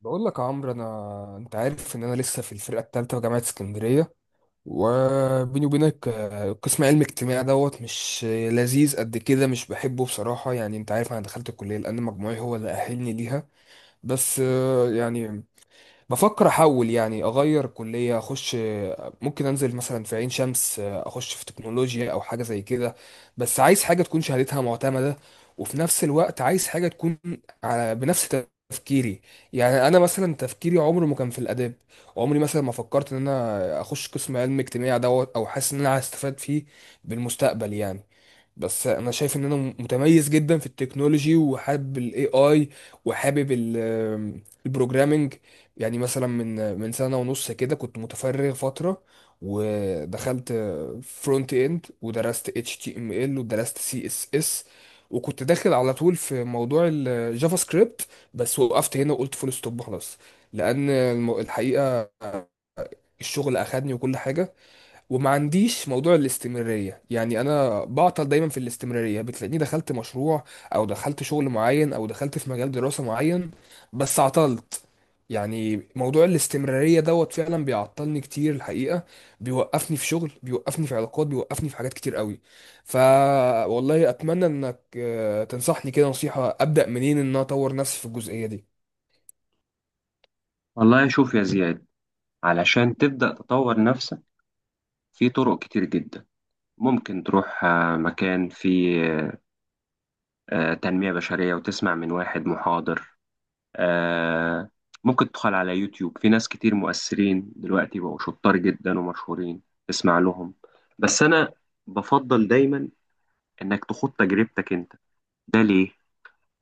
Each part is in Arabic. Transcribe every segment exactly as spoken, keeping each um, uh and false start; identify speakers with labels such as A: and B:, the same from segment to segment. A: بقول لك يا عمرو، انا انت عارف ان انا لسه في الفرقه الثالثه في جامعه اسكندريه. وبيني وبينك آه، قسم علم اجتماع دوت مش لذيذ قد كده، مش بحبه بصراحه. يعني انت عارف انا دخلت الكليه لان مجموعي هو اللي اهلني ليها. بس آه، يعني بفكر احول، يعني اغير كليه اخش. ممكن انزل مثلا في عين شمس اخش في تكنولوجيا او حاجه زي كده. بس عايز حاجه تكون شهادتها معتمده، وفي نفس الوقت عايز حاجه تكون على بنفس تفكيري. يعني انا مثلا تفكيري عمره ما كان في الاداب. عمري مثلا ما فكرت ان انا اخش قسم علم اجتماع دوت، او حاسس ان انا هستفاد فيه بالمستقبل يعني. بس انا شايف ان انا متميز جدا في التكنولوجي، وحابب الاي اي، وحابب ال- البروجرامينج. يعني مثلا من من سنة ونص كده كنت متفرغ فترة، ودخلت فرونت اند، ودرست اتش تي ام ال، ودرست سي اس اس، وكنت داخل على طول في موضوع الجافا سكريبت. بس وقفت هنا وقلت فول ستوب خلاص. لان الم- الحقيقة الشغل اخدني وكل حاجة، وما عنديش موضوع الاستمرارية. يعني أنا بعطل دايما في الاستمرارية. بتلاقيني دخلت مشروع، أو دخلت شغل معين، أو دخلت في مجال دراسة معين، بس عطلت. يعني موضوع الاستمرارية دوت فعلا بيعطلني كتير الحقيقة. بيوقفني في شغل، بيوقفني في علاقات، بيوقفني في حاجات كتير قوي. ف، والله أتمنى إنك آه، تنصحني كده نصيحة أبدأ منين إن أنا أطور نفسي في الجزئية دي.
B: والله، شوف يا زياد. علشان تبدأ تطور نفسك في طرق كتير جدا، ممكن تروح آه، مكان فيه آه، آه، تنمية بشرية وتسمع من واحد محاضر آه، ممكن تدخل على يوتيوب، في ناس كتير مؤثرين دلوقتي بقوا شطار جدا ومشهورين، تسمع لهم. بس أنا بفضل دايما إنك تخوض تجربتك أنت. ده ليه؟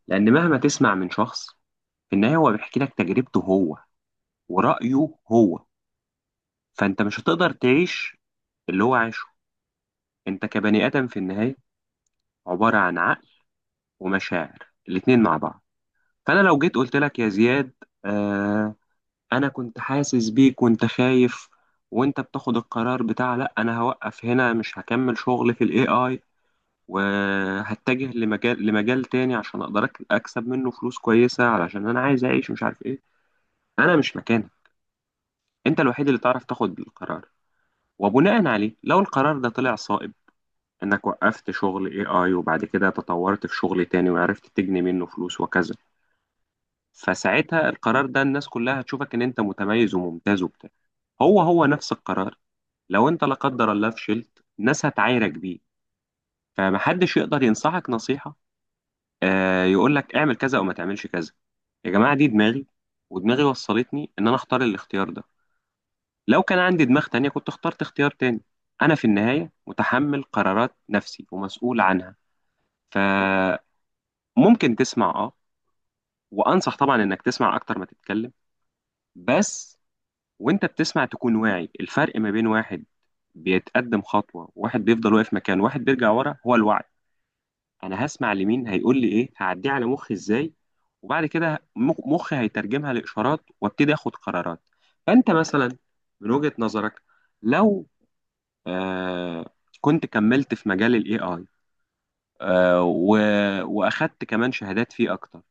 B: لأن مهما تسمع من شخص، في النهاية هو بيحكي لك تجربته هو ورأيه هو، فأنت مش هتقدر تعيش اللي هو عايشه. انت كبني ادم في النهايه عباره عن عقل ومشاعر، الاتنين مع بعض. فانا لو جيت قلت لك يا زياد، آه انا كنت حاسس بيك وانت خايف وانت بتاخد القرار بتاع لا انا هوقف هنا مش هكمل شغل في الاي اي، وهتجه لمجال لمجال تاني عشان اقدر أك- اكسب منه فلوس كويسه علشان انا عايز اعيش مش عارف ايه، انا مش مكانك. انت الوحيد اللي تعرف تاخد القرار. وبناء عليه، لو القرار ده طلع صائب، انك وقفت شغل اي اي وبعد كده تطورت في شغل تاني وعرفت تجني منه فلوس وكذا، فساعتها القرار ده الناس كلها هتشوفك ان انت متميز وممتاز وبتاع. هو هو نفس القرار، لو انت لا قدر الله فشلت الناس هتعايرك بيه. فمحدش يقدر ينصحك نصيحة، آه يقول لك اعمل كذا او ما تعملش كذا. يا جماعة، دي دماغي، ودماغي وصلتني ان انا اختار الاختيار ده. لو كان عندي دماغ تانية كنت اخترت اختيار تاني. انا في النهاية متحمل قرارات نفسي ومسؤول عنها. ف ممكن تسمع، اه وانصح طبعا انك تسمع اكتر ما تتكلم. بس وانت بتسمع تكون واعي الفرق ما بين واحد بيتقدم خطوة، واحد بيفضل واقف مكان، واحد بيرجع ورا. هو الوعي. انا هسمع لمين، هيقول لي ايه، هعديه على مخي ازاي، وبعد كده مخ- مخي هيترجمها لاشارات وابتدي اخد قرارات. فانت مثلا، من وجهة نظرك، لو آه كنت كملت في مجال الاي اي، آه و- واخدت كمان شهادات فيه اكتر،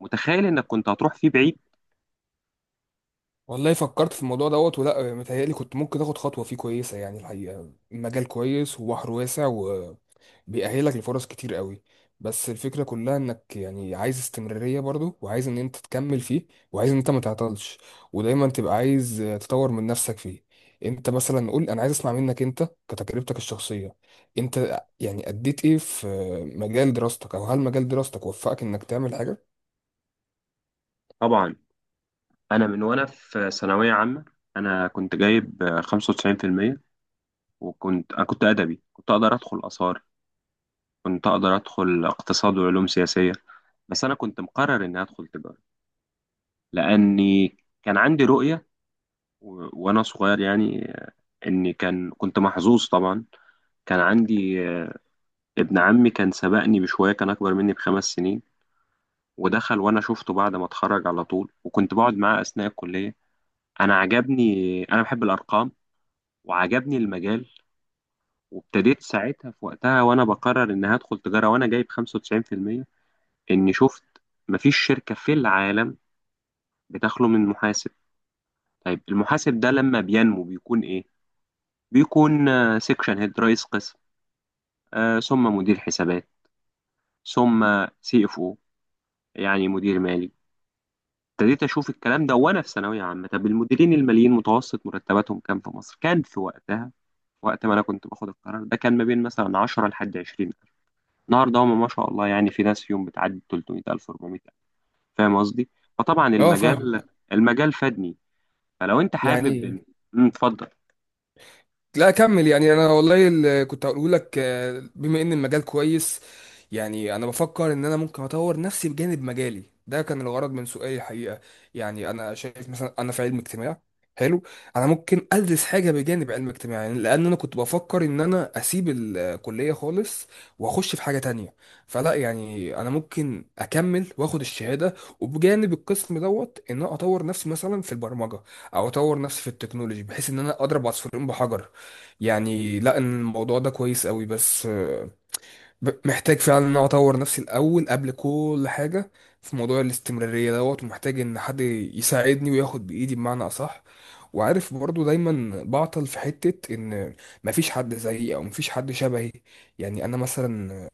B: متخيل انك كنت هتروح فيه بعيد؟
A: والله فكرت في الموضوع دوت، ولا متهيألي كنت ممكن تاخد خطوة فيه كويسة يعني. الحقيقة المجال كويس وبحر واسع، وبيأهلك لفرص كتير قوي. بس الفكرة كلها انك يعني عايز استمرارية برضو، وعايز ان انت تكمل فيه، وعايز ان انت ما تعطلش، ودايما تبقى عايز تطور من نفسك فيه. انت مثلا قول، انا عايز اسمع منك انت كتجربتك الشخصية. انت يعني اديت ايه في مجال دراستك، او هل مجال دراستك وفقك انك تعمل حاجة؟
B: طبعا. انا من وانا في ثانويه عامه، انا كنت جايب آه، خمسة وتسعين بالمية. وكنت انا كنت ادبي، كنت اقدر ادخل اثار، كنت اقدر ادخل اقتصاد وعلوم سياسيه. بس انا كنت مقرر اني ادخل تجاره، لاني كان عندي رؤيه، و... وانا صغير، يعني آه، اني كان كنت محظوظ طبعا. كان عندي آه، ابن عمي كان سبقني بشوية، كان أكبر مني بخمس سنين ودخل. وأنا شفته بعد ما اتخرج على طول، وكنت بقعد معاه أثناء الكلية. أنا عجبني، أنا بحب الأرقام، وعجبني المجال. وابتديت ساعتها، في وقتها وانا بقرر ان هدخل تجارة وانا جايب خمسة وتسعين بالمية، اني شفت مفيش شركة في العالم بتخلو من محاسب. طيب المحاسب ده لما بينمو بيكون ايه؟ بيكون سيكشن هيد، رئيس قسم، آه ثم مدير حسابات، ثم سي اف او، يعني مدير مالي. ابتديت اشوف الكلام ده وانا في ثانوية عامة. طب المديرين الماليين متوسط مرتباتهم كام في مصر؟ كان في وقتها، وقت ما انا كنت باخد القرار ده، كان ما بين مثلا عشرة لحد عشرين. النهارده هم ما شاء الله، يعني في ناس فيهم بتعدي ثلاثمية ألف أربعمية ألف. فاهم قصدي؟ فطبعا
A: اه،
B: المجال
A: فاهمك.
B: المجال فادني. فلو انت حابب
A: يعني
B: إن- أمم، اتفضل.
A: لا اكمل يعني، انا والله اللي كنت هقوله لك آه، بما ان المجال كويس، يعني انا بفكر ان انا ممكن اطور نفسي بجانب مجالي ده. كان الغرض من سؤالي الحقيقه. يعني انا شايف مثلا انا في علم اجتماع، حلو، انا ممكن ادرس حاجه بجانب علم اجتماع. يعني لان انا كنت بفكر ان انا اسيب الكليه خالص واخش في حاجه تانية. فلا، يعني انا ممكن اكمل واخد الشهاده، وبجانب القسم دوت ان انا اطور نفسي مثلا في البرمجه، او اطور نفسي في التكنولوجي بحيث ان انا اضرب عصفورين بحجر. يعني لا، إن الموضوع ده كويس قوي، بس آه، ب- محتاج فعلا ان انا اطور نفسي الاول قبل كل حاجه في موضوع الاستمراريه دوت، ومحتاج ان حد يساعدني وياخد بايدي بمعنى اصح. وعارف برضو دايما بعطل في حته ان مفيش حد زيي، او مفيش حد شبهي. يعني انا مثلا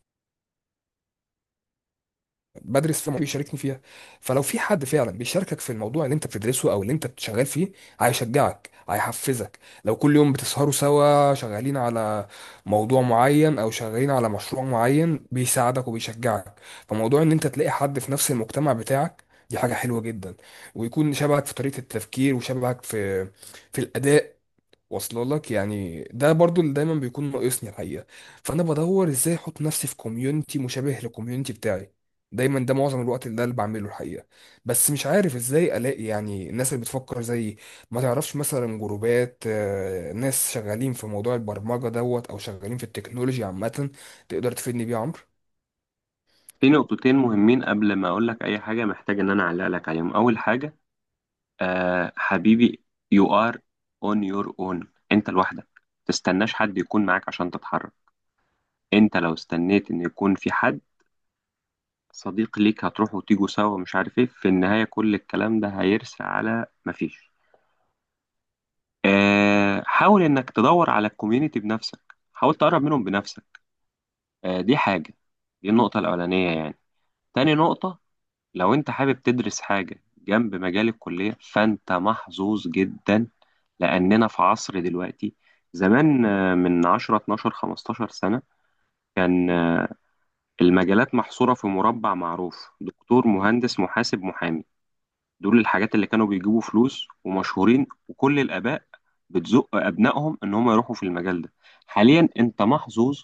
A: بدرس فيها بيشاركني فيها. فلو في حد فعلا بيشاركك في الموضوع اللي انت بتدرسه او اللي انت شغال فيه، هيشجعك هيحفزك. لو كل يوم بتسهروا سوا شغالين على موضوع معين، او شغالين على مشروع معين، بيساعدك وبيشجعك. فموضوع ان انت تلاقي حد في نفس المجتمع بتاعك، دي حاجة حلوة جدا. ويكون شبهك في طريقة التفكير، وشبهك في في الأداء، واصله لك يعني. ده برضو اللي دايما بيكون ناقصني الحقيقه. فانا بدور ازاي احط نفسي في كوميونتي مشابه للكوميونتي بتاعي دايما. ده معظم الوقت اللي ده اللي بعمله الحقيقه. بس مش عارف ازاي الاقي يعني الناس اللي بتفكر زيي. ما تعرفش مثلا جروبات آه، ناس شغالين في موضوع البرمجه دوت، او شغالين في التكنولوجيا عامه، تقدر تفيدني بيه يا عمرو؟
B: في نقطتين مهمين قبل ما اقول لك اي حاجه، محتاج ان انا اعلق لك عليهم. اول حاجه، آه حبيبي، you are on your own. انت لوحدك، تستناش حد يكون معاك عشان تتحرك. انت لو استنيت ان يكون في حد صديق ليك هتروحوا وتيجوا سوا مش عارف ايه، في النهايه كل الكلام ده هيرسى على مفيش. آه، حاول انك تدور على الكوميونتي بنفسك، حاول تقرب منهم بنفسك. آه، دي حاجة، دي النقطة الأولانية يعني. تاني نقطة، لو انت حابب تدرس حاجة جنب مجال الكلية فانت محظوظ جدا، لأننا في عصر دلوقتي. زمان، آه، من عشر اتناشر 15 سنة، كان آه، المجالات محصورة في مربع معروف، دكتور مهندس محاسب محامي. دول الحاجات اللي كانوا بيجيبوا فلوس ومشهورين، وكل الآباء بتزق أبنائهم إن هم يروحوا في المجال ده. حاليا أنت محظوظ،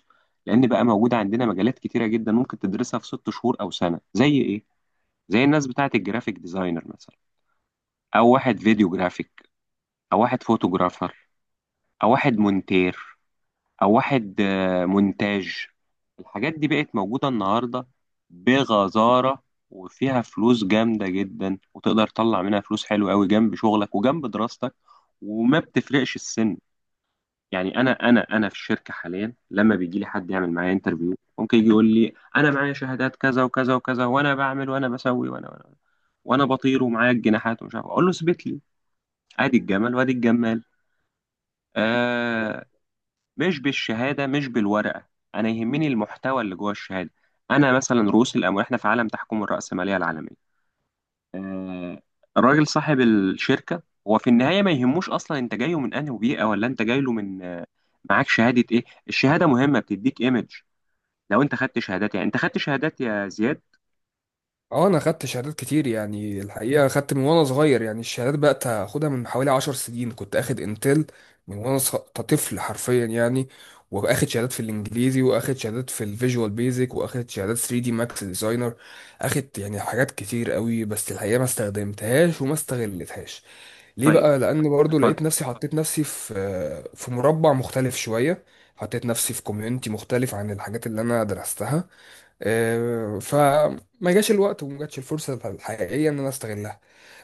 B: لأن بقى موجودة عندنا مجالات كتيرة جدا ممكن تدرسها في ست شهور أو سنة، زي إيه؟ زي الناس بتاعة الجرافيك ديزاينر مثلا، أو واحد فيديو جرافيك، أو واحد فوتوجرافر، أو واحد مونتير، او واحد آه، مونتاج. الحاجات دي بقت موجودة النهاردة بغزارة، وفيها فلوس جامدة جدا، وتقدر تطلع منها فلوس حلوة قوي جنب شغلك وجنب دراستك. وما بتفرقش السن. يعني انا انا انا في الشركة حاليا، لما بيجي لي حد يعمل معايا انترفيو، ممكن يجي يقول لي انا معايا شهادات كذا وكذا وكذا، وانا بعمل وانا بسوي وانا وانا وانا بطير ومعايا الجناحات ومش عارف إيه. اقول له اثبت لي، ادي الجمل وادي الجمال. آه، مش بالشهاده، مش بالورقه. انا يهمني المحتوى اللي جوه الشهاده. انا مثلا رؤوس الاموال، احنا في عالم تحكم الرأسماليه العالميه. آه الراجل صاحب الشركه هو في النهايه ما يهموش اصلا انت جايه من انهي بيئه، ولا انت جاي له من آه، معاك شهاده ايه. الشهاده مهمه، بتديك ايمج. لو انت خدت شهادات، يعني انت خدت شهادات يا زياد؟
A: اه، انا خدت شهادات كتير يعني الحقيقه. خدت من وانا صغير يعني، الشهادات بقت اخدها من حوالي عشر سنين. كنت اخد انتل من وانا صغ- طفل حرفيا يعني. واخد شهادات في الانجليزي، واخد شهادات في الفيجوال بيزك، واخد شهادات ثري دي ماكس ديزاينر. اخد يعني حاجات كتير قوي، بس الحقيقه ما استخدمتهاش وما استغلتهاش. ليه
B: طيب،
A: بقى؟ لان برضو لقيت
B: اتفضل.
A: نفسي حطيت نفسي في في مربع مختلف شويه. حطيت نفسي في كوميونتي مختلف عن الحاجات اللي انا درستها. آه، فما جاش الوقت وما جاتش الفرصة الحقيقية إن أنا أستغلها.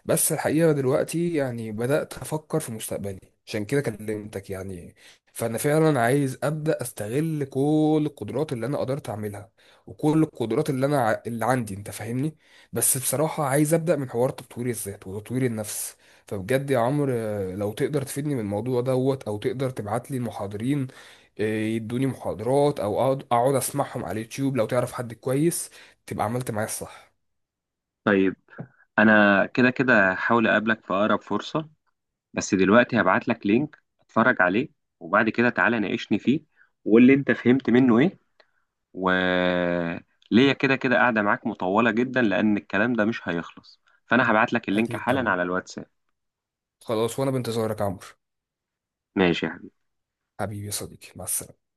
A: بس الحقيقة دلوقتي يعني بدأت أفكر في مستقبلي، عشان كده كلمتك يعني. فأنا فعلا عايز أبدأ أستغل كل القدرات اللي أنا قدرت أعملها، وكل القدرات اللي أنا ع- اللي عندي، أنت فاهمني. بس بصراحة عايز أبدأ من حوار تطوير الذات وتطوير النفس. فبجد يا عمرو، آه، لو تقدر تفيدني من الموضوع دوت، أو تقدر تبعت لي المحاضرين إيه، يدوني محاضرات، او اقعد أقعد اسمعهم على اليوتيوب، لو تعرف حد كويس تبقى عملت معايا الصح.
B: طيب انا كده كده هحاول اقابلك في اقرب فرصه. بس دلوقتي هبعت لك لينك اتفرج عليه وبعد كده تعالى ناقشني فيه واللي انت فهمت منه ايه. وليا كده كده قاعدة معاك مطولة جدا، لأن الكلام ده مش هيخلص. فأنا هبعت لك اللينك
A: اكيد
B: حالا
A: طبعا.
B: على الواتساب.
A: خلاص، وانا بانتظارك يا عمرو
B: ماشي يا
A: حبيبي يا صديقي. مع السلامه.